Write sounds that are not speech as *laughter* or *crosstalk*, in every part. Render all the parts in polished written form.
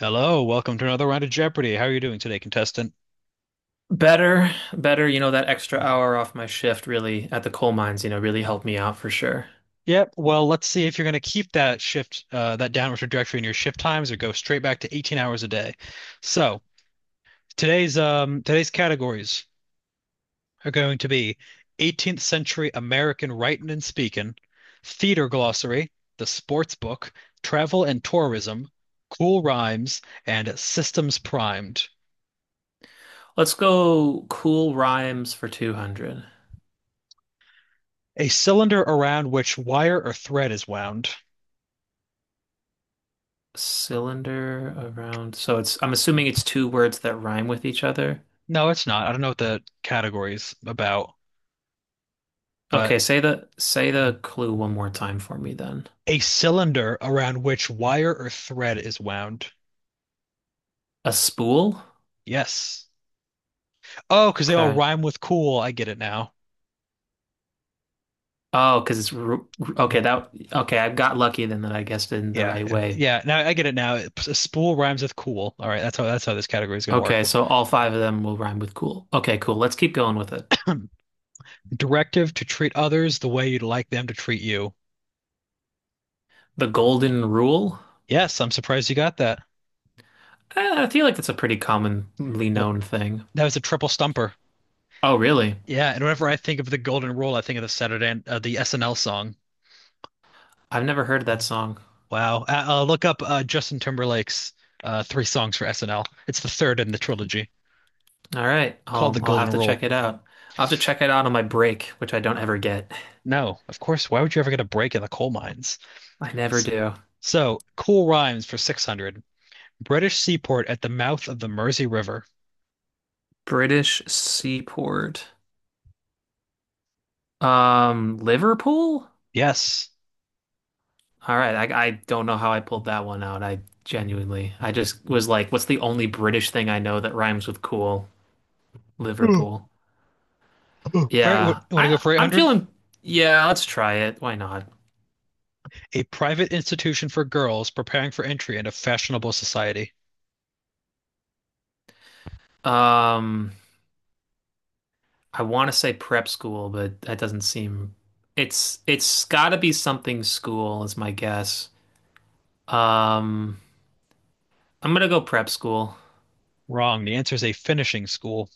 Hello, welcome to another round of Jeopardy. How are you doing today, contestant? Better, better, you know, that extra hour off my shift really at the coal mines, you know, really helped me out for sure. Yep, well, let's see if you're going to keep that shift, that downward trajectory in your shift times or go straight back to 18 hours a day. So, today's categories are going to be 18th century American writing and speaking, theater glossary, the sports book, travel and tourism, cool rhymes, and systems primed. Let's go cool rhymes for 200. A cylinder around which wire or thread is wound. Cylinder around. So I'm assuming it's two words that rhyme with each other. No, it's not. I don't know what the category is about, but Okay, say the clue one more time for me then. a cylinder around which wire or thread is wound. A spool? Yes. Oh, because they all Okay. rhyme with cool. I get it now. Oh, because it's ru- ru- okay, that okay, I got lucky then that I guessed it in the Yeah, right way. yeah. Now I get it now. A spool rhymes with cool. All right, that's how this category is going to work. Okay, so all five of them will rhyme with cool. Okay, cool. Let's keep going with it. Directive to treat others the way you'd like them to treat you. The golden rule? Yes, I'm surprised you got that. Eh, I feel like that's a pretty commonly Well, known thing. that was a triple stumper. Oh, really? Yeah, and whenever I think of the golden rule, I think of the Saturday the SNL song. I've never heard that song. Wow. Look up Justin Timberlake's three songs for SNL. It's the third in the trilogy, All right, called I'll the I'll Golden have to Rule. check it out. I'll have to check it out on my break, which I don't ever get. No, of course. Why would you ever get a break in the coal mines? I never S- do. So, cool rhymes for 600. British seaport at the mouth of the Mersey River. British seaport. Liverpool? Yes. All right, I don't know how I pulled that one out. I genuinely, I just was like, what's the only British thing I know that rhymes with cool? *laughs* Ooh, Liverpool. ooh. All right, Yeah, want to go I for I'm 800? feeling. Yeah, let's try it. Why not? A private institution for girls preparing for entry into fashionable society. Um. I want to say prep school, but that doesn't seem it's got to be something school is my guess. Um, I'm gonna go prep school. Wrong. The answer is a finishing school.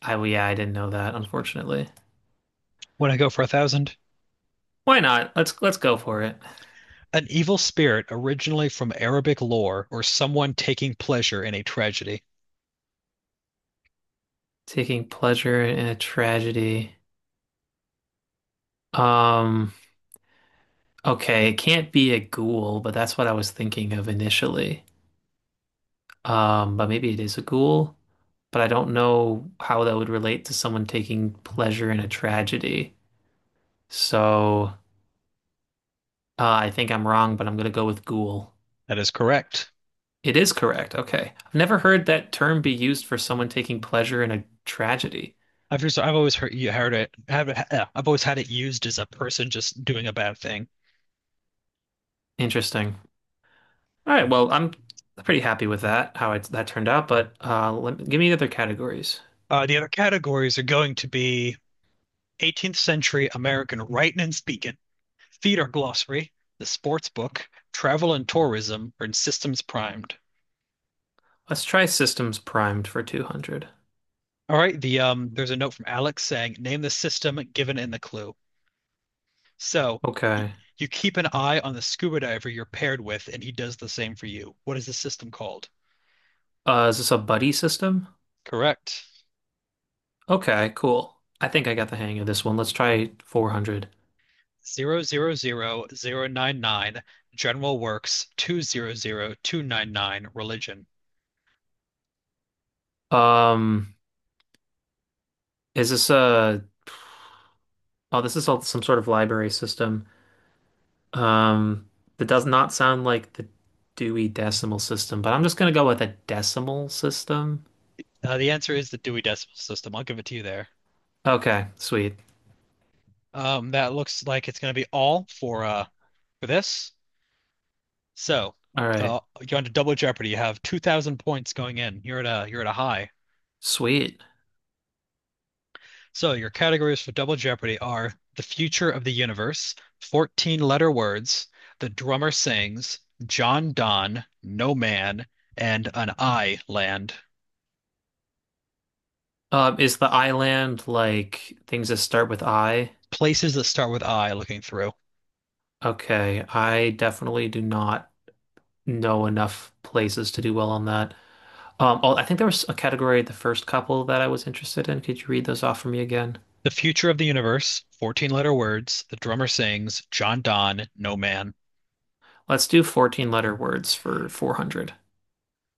I well, yeah, I didn't know that, unfortunately. Want to go for 1000? Why not? Let's go for it. An evil spirit originally from Arabic lore or someone taking pleasure in a tragedy. Taking pleasure in a tragedy. Um, okay, it can't be a ghoul, but that's what I was thinking of initially. But maybe it is a ghoul, but I don't know how that would relate to someone taking pleasure in a tragedy. So I think I'm wrong, but I'm going to go with ghoul. That is correct. It is correct. Okay. I've never heard that term be used for someone taking pleasure in a tragedy. I've just I've always heard you heard it. Have, I've always had it used as a person just doing a bad thing. Interesting. All right. Well, I'm pretty happy with that turned out, but give me the other categories. The other categories are going to be 18th century American writing and speaking, theater glossary, the sports book, travel and tourism, and systems primed. Let's try systems primed for 200. All right, there's a note from Alex saying, name the system given in the clue. So y Okay. you keep an eye on the scuba diver you're paired with, and he does the same for you. What is the system called? Is this a buddy system? Correct. Okay, cool. I think I got the hang of this one. Let's try 400. 0 0 0 0 9 9 General Works 200-299, Religion. Um, is this a, oh, this is all some sort of library system. Um, that does not sound like the Dewey Decimal System, but I'm just gonna go with a decimal system. The answer is the Dewey Decimal System. I'll give it to you there. Okay, sweet. That looks like it's going to be all for this. So, All right, uh, you're on to Double Jeopardy. You have 2,000 points going in. You're at a high. sweet. So your categories for Double Jeopardy are the future of the universe, 14 letter words, the drummer sings, John Donne, No Man, and an I land. Is the island like things that start with I? Places that start with I looking through. Okay, I definitely do not know enough places to do well on that. Oh, I think there was a category, the first couple that I was interested in. Could you read those off for me again? The Future of the Universe, 14 letter words, The Drummer Sings, John Donne, No Man. Let's do 14 letter words for 400.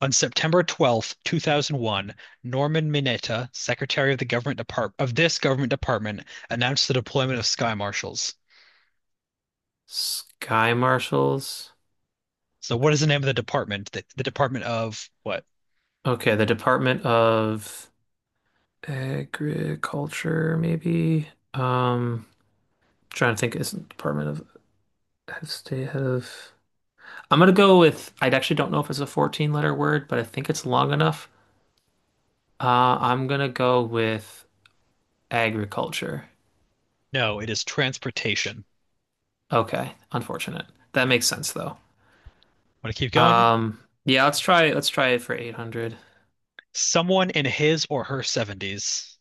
On September 12, two 2001, Norman Mineta, Secretary of the Government Depart of this government department, announced the deployment of Sky Marshals. Sky marshals. So what is the name of the department? The Department of what? Okay, the Department of Agriculture, maybe. Um, Trying to think, is it Department of State Head of? I'm gonna go with. I actually don't know if it's a 14 letter word, but I think it's long enough. I'm gonna go with agriculture. No, it is Transportation. Okay, unfortunate. That makes sense though. Want to keep going? Um, yeah, let's try. Let's try it for 800. Someone in his or her 70s.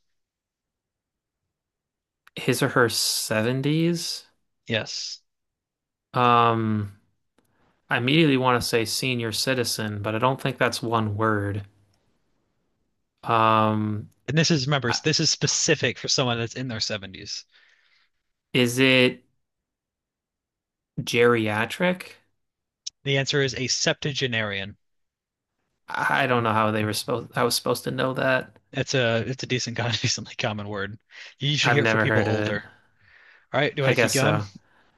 His or her 70s. Yes. Um, I immediately want to say senior citizen, but I don't think that's one word. Um, And this is, remember, I- this is specific for someone that's in their 70s. is it geriatric? The answer is a septuagenarian. I don't know how they were supposed. I was supposed to know that. It's a decent, *laughs* decently common word. You usually I've hear it for never people heard of it. older. All right, do you I want to keep guess going? so.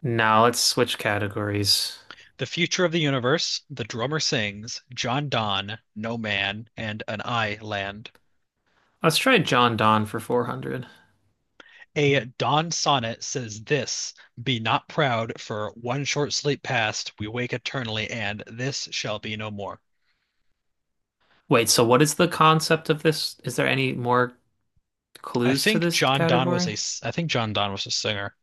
Now let's switch categories. The future of the universe, the drummer sings, John Donne, no man, and an I land. Let's try John Donne for 400. A dawn sonnet says this: be not proud, for one short sleep past, we wake eternally, and this shall be no more. Wait, so what is the concept of this? Is there any more clues to this category? I think John Donne was a singer.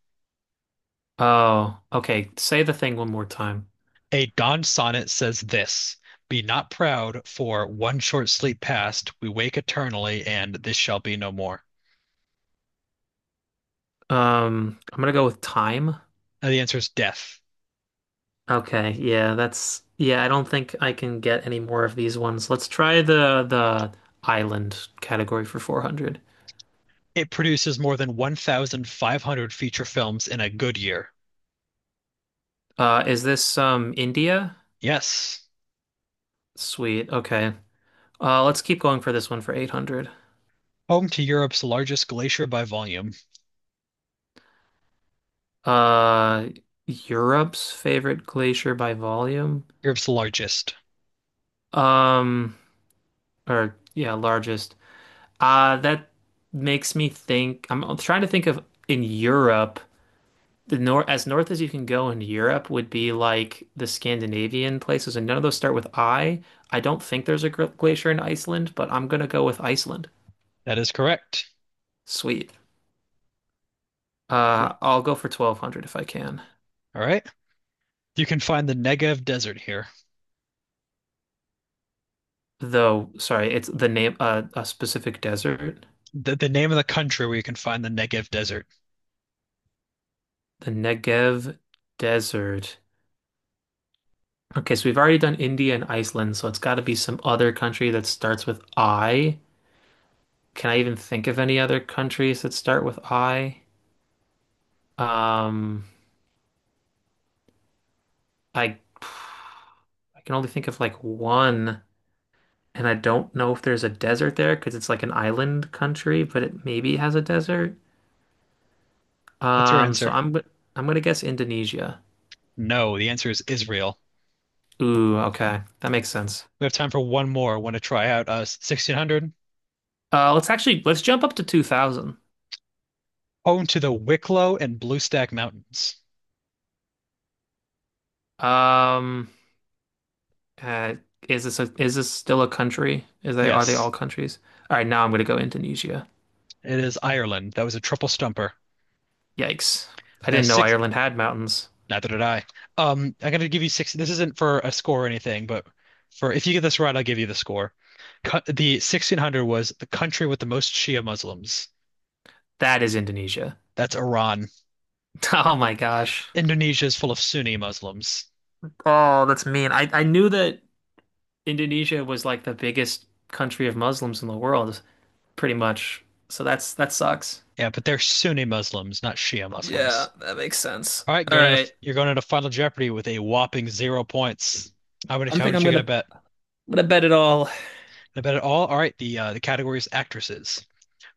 Oh, okay. Say the thing one more time. A dawn sonnet says this: Be not proud, for one short sleep past, we wake eternally, and this shall be no more. I'm gonna go with time. Now, the answer is death. Okay, yeah, I don't think I can get any more of these ones. Let's try the island category for 400. It produces more than 1,500 feature films in a good year. Is this India? Yes. Sweet. Okay. Let's keep going for this one for 800. Home to Europe's largest glacier by volume. Uh Europe's favorite glacier by volume. Europe's largest. Um or yeah, largest. That makes me think I'm trying to think of in Europe the north as you can go in Europe would be like the Scandinavian places, and none of those start with I. I don't think there's a glacier in Iceland, but I'm gonna go with Iceland. That is correct. Sweet. All I'll go for 1200 if I can. right. You can find the Negev Desert here. Though, sorry, it's the name a specific desert, The name of the country where you can find the Negev Desert. the Negev Desert. Okay, so we've already done India and Iceland, so it's got to be some other country that starts with I. Can I even think of any other countries that start with I? Um, I I can only think of like one, and I don't know if there's a desert there because it's like an island country, but it maybe has a desert. What's your Um, so answer? I'm go- I'm gonna guess Indonesia. No, the answer is Israel. Ooh, okay, that makes sense. We have time for one more. Want to try out 1600? Let's jump up to 2000. Home to the Wicklow and Bluestack Mountains. Um, uh, is this still a country? Is they are they Yes, all countries? All right, now I'm gonna go Indonesia. it is Ireland. That was a triple stumper. Yikes! I The didn't know six, Ireland had mountains. neither did I. I'm gonna give you six. This isn't for a score or anything, but for if you get this right, I'll give you the score. The 1600 was the country with the most Shia Muslims. That is Indonesia. *laughs* That's Iran. Oh my gosh. Indonesia is full of Sunni Muslims. Oh, that's mean. I knew that. Indonesia was like the biggest country of Muslims in the world, pretty much. So that's that sucks. Yeah, but they're Sunni Muslims, not Shia Yeah, Muslims. that makes sense. All right, All going into right. you're going into Final Jeopardy with a whopping 0 points. How many I how think much I'm you gonna gonna bet? gonna bet it all. Gonna bet it all? All right, the category is actresses.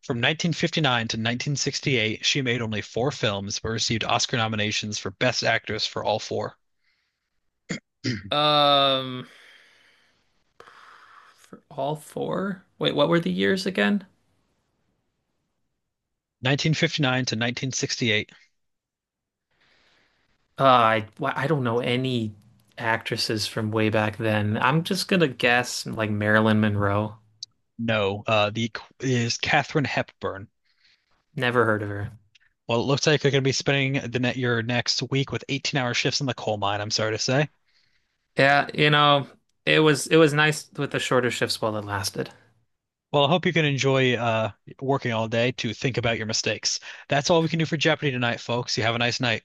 From 1959 to 1968, she made only four films but received Oscar nominations for Best Actress for all four. *clears throat* Um, for all four? Wait, what were the years again? 1959 to 1968. I don't know any actresses from way back then. I'm just gonna guess like Marilyn Monroe. No, is Katharine Hepburn. Never heard of her. Well, it looks like you're gonna be spending the net your next week with 18-hour shifts in the coal mine. I'm sorry to say. Yeah, you know, it was nice with the shorter shifts while it lasted. Well, I hope you can enjoy working all day to think about your mistakes. That's all we can do for Jeopardy tonight, folks. You have a nice night.